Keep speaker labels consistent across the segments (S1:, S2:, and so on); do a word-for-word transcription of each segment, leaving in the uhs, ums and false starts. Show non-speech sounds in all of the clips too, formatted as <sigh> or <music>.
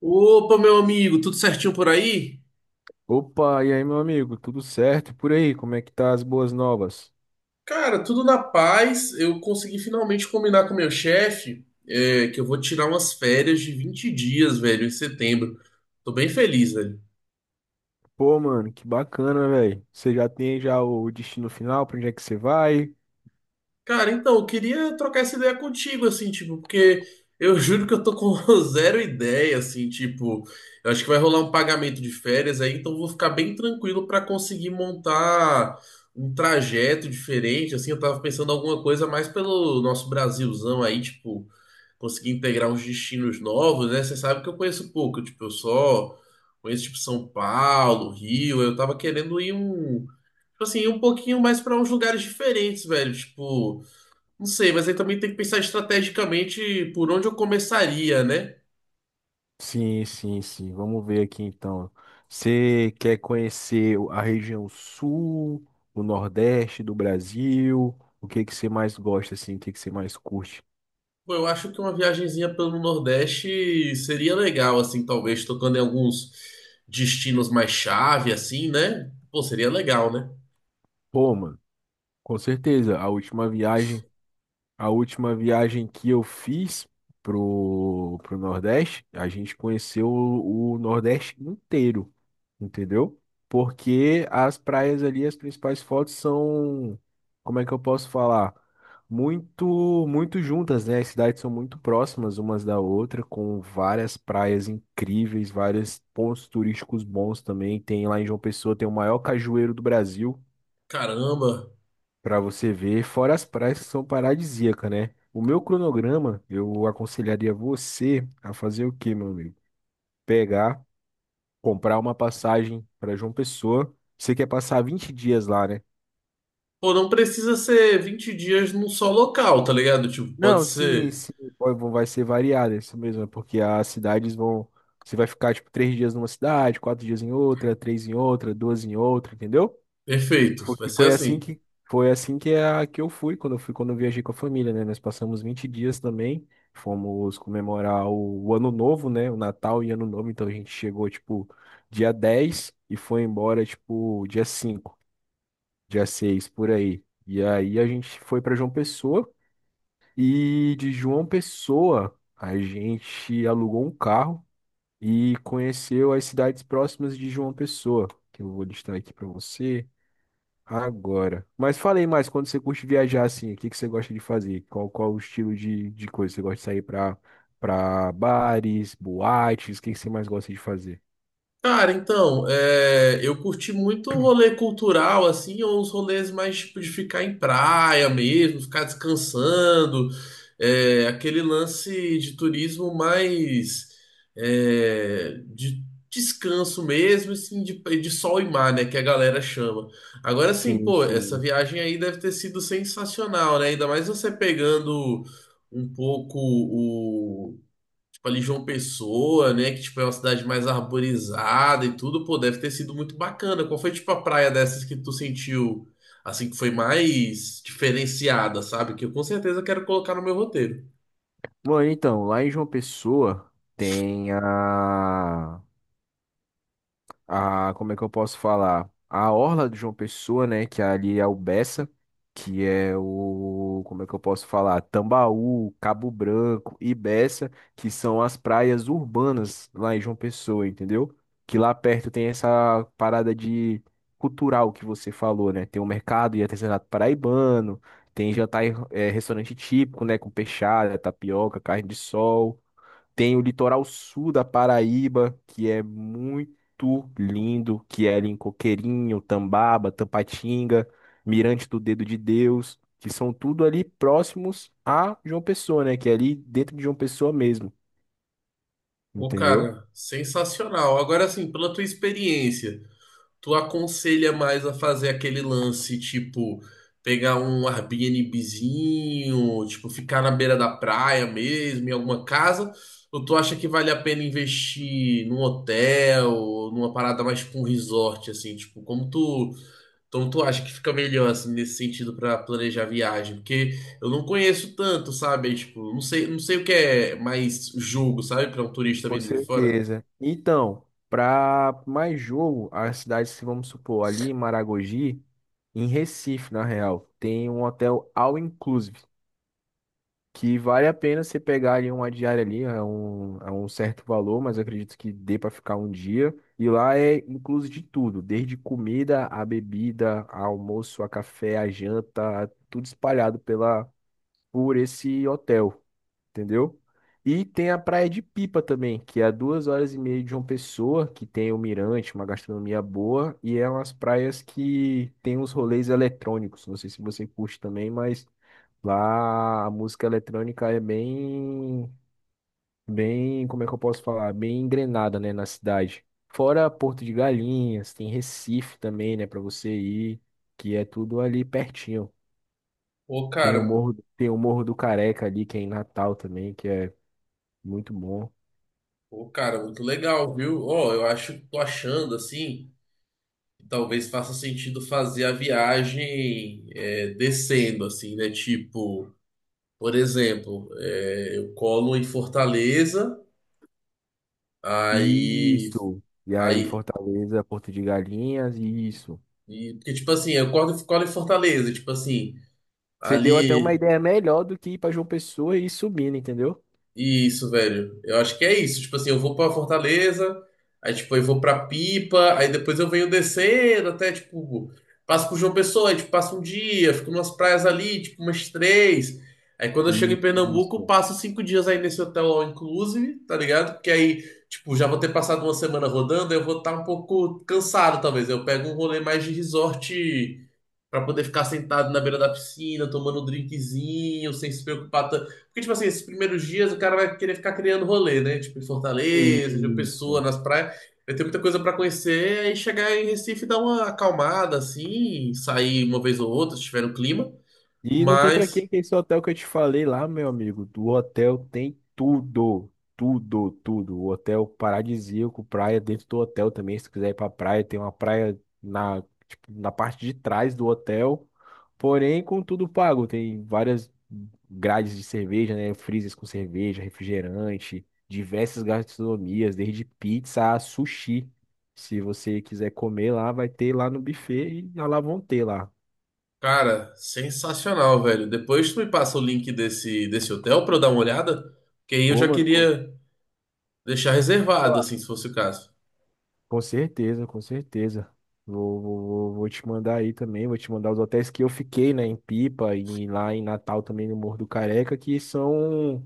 S1: Opa, meu amigo, tudo certinho por aí?
S2: Opa, e aí, meu amigo, tudo certo. E por aí? Como é que tá as boas novas?
S1: Cara, tudo na paz. Eu consegui finalmente combinar com meu chefe, é, que eu vou tirar umas férias de vinte dias, velho, em setembro. Tô bem feliz, velho.
S2: Pô, mano, que bacana, velho. Você já tem já o destino final, pra onde é que você vai?
S1: Cara, então, eu queria trocar essa ideia contigo, assim, tipo, porque eu <laughs> juro que eu tô com <laughs> zero ideia, assim, tipo, eu acho que vai rolar um pagamento de férias aí, então eu vou ficar bem tranquilo pra conseguir montar um trajeto diferente, assim, eu tava pensando em alguma coisa mais pelo nosso Brasilzão aí, tipo. Conseguir integrar uns destinos novos, né? Você sabe que eu conheço pouco, tipo, eu só conheço tipo São Paulo, Rio, eu tava querendo ir um tipo assim, ir um pouquinho mais pra uns lugares diferentes, velho, tipo, não sei, mas aí também tem que pensar estrategicamente por onde eu começaria, né?
S2: Sim, sim, sim. Vamos ver aqui então. Você quer conhecer o- a região sul, o nordeste do Brasil? O que que você mais gosta assim? O que que você mais curte?
S1: Pô, eu acho que uma viagenzinha pelo Nordeste seria legal, assim, talvez tocando em alguns destinos mais chave, assim, né? Pô, seria legal, né?
S2: Pô, mano, com certeza, a última viagem A última viagem que eu fiz pro, pro Nordeste, a gente conheceu o, o Nordeste inteiro, entendeu? Porque as praias ali, as principais fotos são, como é que eu posso falar, muito, muito juntas, né? As cidades são muito próximas umas da outra, com várias praias incríveis, vários pontos turísticos bons também. Tem lá em João Pessoa, tem o maior cajueiro do Brasil.
S1: Caramba.
S2: Pra você ver, fora as praias que são paradisíacas, né? O meu cronograma, eu aconselharia você a fazer o quê, meu amigo? Pegar, comprar uma passagem para João Pessoa. Você quer passar vinte dias lá, né?
S1: Pô, não precisa ser vinte dias num só local, tá ligado? Tipo, pode
S2: Não, sim,
S1: ser.
S2: sim, vai vai ser variado, é isso mesmo, é porque as cidades vão. Você vai ficar, tipo, três dias numa cidade, quatro dias em outra, três em outra, duas em outra, entendeu?
S1: Perfeito, vai
S2: Porque
S1: ser
S2: foi assim
S1: assim.
S2: que foi assim que, é a, que eu fui, quando eu fui quando eu viajei com a família, né? Nós passamos vinte dias também, fomos comemorar o, o Ano Novo, né? O Natal e Ano Novo. Então a gente chegou tipo dia dez e foi embora tipo dia cinco, dia seis por aí. E aí a gente foi para João Pessoa, e de João Pessoa a gente alugou um carro e conheceu as cidades próximas de João Pessoa, que eu vou listar aqui para você agora. Mas falei mais, quando você curte viajar assim, o que que você gosta de fazer? Qual, qual o estilo de, de coisa? Você gosta de sair pra, pra bares, boates? O que que você mais gosta de fazer?
S1: Cara, então, é, eu curti muito o rolê cultural, assim, ou os rolês mais tipo de ficar em praia mesmo, ficar descansando, é, aquele lance de turismo mais é, de descanso mesmo, assim, de, de sol e mar, né, que a galera chama. Agora, assim,
S2: Sim,
S1: pô, essa
S2: sim.
S1: viagem aí deve ter sido sensacional, né? Ainda mais você pegando um pouco tipo ali João Pessoa, né, que tipo é uma cidade mais arborizada e tudo, pô, deve ter sido muito bacana. Qual foi tipo a praia dessas que tu sentiu assim que foi mais diferenciada, sabe? Que eu com certeza quero colocar no meu roteiro.
S2: Bom, então, lá em João Pessoa tem a. a, como é que eu posso falar, a orla de João Pessoa, né, que ali é o Beça, que é o, como é que eu posso falar, Tambaú, Cabo Branco e Beça, que são as praias urbanas lá em João Pessoa, entendeu? Que lá perto tem essa parada de cultural que você falou, né? Tem o mercado e artesanato paraibano, tem jantar, e, eh, restaurante típico, né, com peixada, tapioca, carne de sol. Tem o litoral sul da Paraíba, que é muito lindo, que é ali em Coqueirinho, Tambaba, Tampatinga, Mirante do Dedo de Deus, que são tudo ali próximos a João Pessoa, né? Que é ali dentro de João Pessoa mesmo,
S1: Pô,
S2: entendeu?
S1: cara, sensacional. Agora assim, pela tua experiência. Tu aconselha mais a fazer aquele lance, tipo, pegar um Airbnbzinho, tipo, ficar na beira da praia mesmo, em alguma casa? Ou tu acha que vale a pena investir num hotel, ou numa parada mais tipo um resort, assim, tipo, como tu, como tu acha que fica melhor, assim, nesse sentido pra planejar a viagem? Porque eu não conheço tanto, sabe? Aí, tipo, não sei, não sei o que é mais jogo, sabe? Pra um turista
S2: Com
S1: vindo de fora.
S2: certeza. Então, para mais jogo, as cidades, que, vamos supor, ali em Maragogi, em Recife, na real, tem um hotel all inclusive, que vale a pena você pegar ali uma diária ali. É um, é um certo valor, mas eu acredito que dê para ficar um dia. E lá é incluso de tudo, desde comida, a bebida, a almoço, a café, a janta, a- tudo espalhado pela por esse hotel, entendeu? E tem a Praia de Pipa também, que é a duas horas e meia de João Pessoa, que tem o mirante, uma gastronomia boa, e é umas praias que tem uns rolês eletrônicos. Não sei se você curte também, mas lá a música eletrônica é bem, bem, como é que eu posso falar, bem engrenada, né, na cidade. Fora Porto de Galinhas, tem Recife também, né, para você ir, que é tudo ali pertinho.
S1: Pô,
S2: Tem o
S1: cara,
S2: Morro, tem o Morro do Careca ali, que é em Natal também, que é muito bom.
S1: Pô, cara, muito legal, viu? Ó, eu acho, tô achando assim, que talvez faça sentido fazer a viagem é, descendo, assim, né? Tipo, por exemplo, é, eu colo em Fortaleza, aí,
S2: Isso. E aí
S1: aí,
S2: Fortaleza, Porto de Galinhas, isso.
S1: e- porque tipo assim, eu colo, colo em Fortaleza, tipo assim,
S2: Você deu até uma
S1: ali.
S2: ideia melhor do que ir para João Pessoa e ir subindo, entendeu?
S1: Isso, velho. Eu acho que é isso. Tipo assim, eu vou pra Fortaleza, aí tipo, eu vou pra Pipa, aí depois eu venho descendo até tipo, passo por João Pessoa, aí tipo, passo um dia, fico nas praias ali, tipo, umas três. Aí quando eu chego em Pernambuco,
S2: Isso.
S1: passo cinco dias aí nesse hotel all inclusive, tá ligado? Porque aí, tipo, já vou ter passado uma semana rodando, eu vou estar um pouco cansado, talvez. Eu pego um rolê mais de resort pra poder ficar sentado na beira da piscina, tomando um drinkzinho, sem se preocupar tanto. Porque, tipo assim, esses primeiros dias o cara vai querer ficar criando rolê, né? Tipo, em Fortaleza, de Pessoa,
S2: Isso.
S1: nas praias. Vai ter muita coisa pra conhecer. Aí chegar em Recife e dar uma acalmada, assim, sair uma vez ou outra, se tiver no clima.
S2: E não tem pra
S1: Mas,
S2: quem que é esse hotel que eu te falei lá, meu amigo. Do hotel tem tudo, tudo, tudo. O hotel paradisíaco, praia dentro do hotel também. Se tu quiser ir pra praia, tem uma praia na, tipo, na, parte de trás do hotel. Porém, com tudo pago. Tem várias grades de cerveja, né? Freezers com cerveja, refrigerante, diversas gastronomias, desde pizza a sushi. Se você quiser comer lá, vai ter lá no buffet e lá vão ter lá.
S1: cara, sensacional, velho. Depois tu me passa o link desse, desse hotel pra eu dar uma olhada. Porque aí eu
S2: Ô,
S1: já
S2: mano, como-
S1: queria deixar reservado, assim, se fosse o caso.
S2: Com certeza, com certeza. Vou, vou, vou vou te mandar aí também, vou te mandar os hotéis que eu fiquei, né, em Pipa e lá em Natal também no Morro do Careca, que são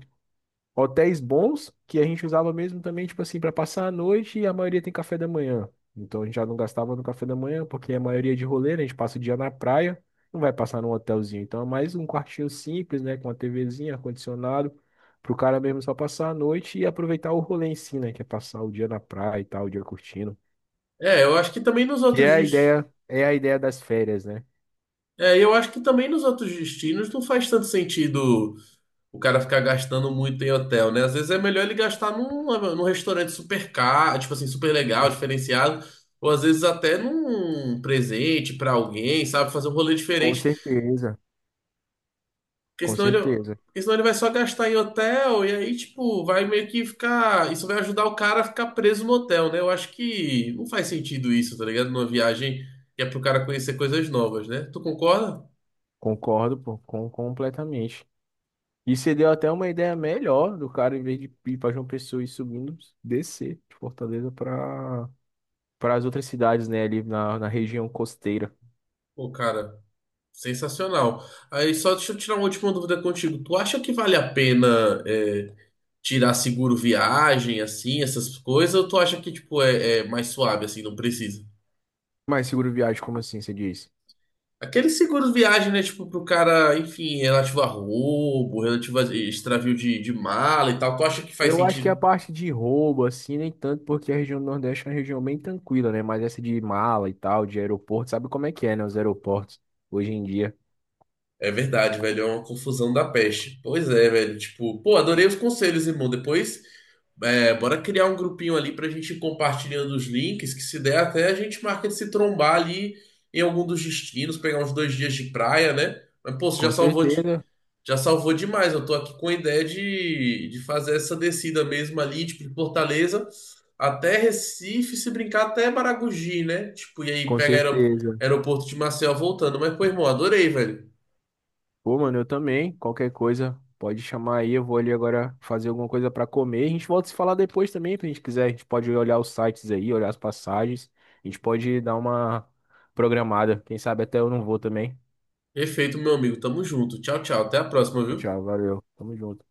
S2: hotéis bons que a gente usava mesmo também, tipo assim, para passar a noite, e a maioria tem café da manhã. Então a gente já não gastava no café da manhã, porque a maioria é de rolê, né, a gente passa o dia na praia, não vai passar num hotelzinho. Então é mais um quartinho simples, né, com uma TVzinha, ar-condicionado, pro cara mesmo só passar a noite e aproveitar o rolê em si, né, que é passar o dia na praia e tal, o dia curtindo.
S1: É, eu acho que também nos
S2: Que
S1: outros
S2: é a
S1: destinos.
S2: ideia, é a ideia das férias, né?
S1: É, eu acho que também nos outros destinos não faz tanto sentido o cara ficar gastando muito em hotel, né? Às vezes é melhor ele gastar num, num restaurante super caro, tipo assim, super legal, diferenciado, ou às vezes até num presente pra alguém, sabe? Fazer um rolê
S2: Com
S1: diferente,
S2: certeza,
S1: porque
S2: com
S1: senão ele,
S2: certeza.
S1: porque senão ele vai só gastar em hotel e aí, tipo, vai meio que ficar. Isso vai ajudar o cara a ficar preso no hotel, né? Eu acho que não faz sentido isso, tá ligado? Numa viagem que é pro cara conhecer coisas novas, né? Tu concorda?
S2: Concordo, pô, com, completamente. E você deu até uma ideia melhor do cara, em vez de ir para João Pessoa e subindo, descer de Fortaleza para para as outras cidades, né? Ali na, na região costeira.
S1: Pô, cara. Sensacional. Aí só deixa eu tirar uma última dúvida contigo. Tu acha que vale a pena é, tirar seguro viagem, assim, essas coisas, ou tu acha que, tipo, é, é mais suave, assim, não precisa?
S2: Mas seguro viagem, como assim você disse?
S1: Aquele seguro viagem, né, tipo, pro cara, enfim, relativo a roubo, relativo a extravio de, de mala e tal, tu acha que faz
S2: Eu acho que a
S1: sentido?
S2: parte de roubo, assim, nem tanto, porque a região do Nordeste é uma região bem tranquila, né? Mas essa de mala e tal, de aeroporto, sabe como é que é, né? Os aeroportos hoje em dia.
S1: É verdade, velho, é uma confusão da peste. Pois é, velho, tipo, pô, adorei os conselhos, irmão. Depois. É, bora criar um grupinho ali pra gente ir compartilhando os links, que se der até a gente marca de se trombar ali em algum dos destinos, pegar uns dois dias de praia, né? Mas, pô, você já
S2: Com
S1: salvou, de-
S2: certeza,
S1: já salvou demais. Eu tô aqui com a ideia de, de fazer essa descida mesmo ali, tipo, de Fortaleza até Recife, se brincar até Maragogi, né? Tipo, e aí
S2: com
S1: pega aerop-
S2: certeza.
S1: aeroporto de Maceió voltando. Mas, pô, irmão, adorei, velho.
S2: Pô, mano, eu também. Qualquer coisa, pode chamar aí. Eu vou ali agora fazer alguma coisa pra comer. A gente volta a se falar depois também, se a gente quiser. A gente pode olhar os sites aí, olhar as passagens. A gente pode dar uma programada. Quem sabe até eu não vou também.
S1: Perfeito, meu amigo. Tamo junto. Tchau, tchau. Até a próxima,
S2: Tchau,
S1: viu?
S2: tchau, valeu. Tamo junto.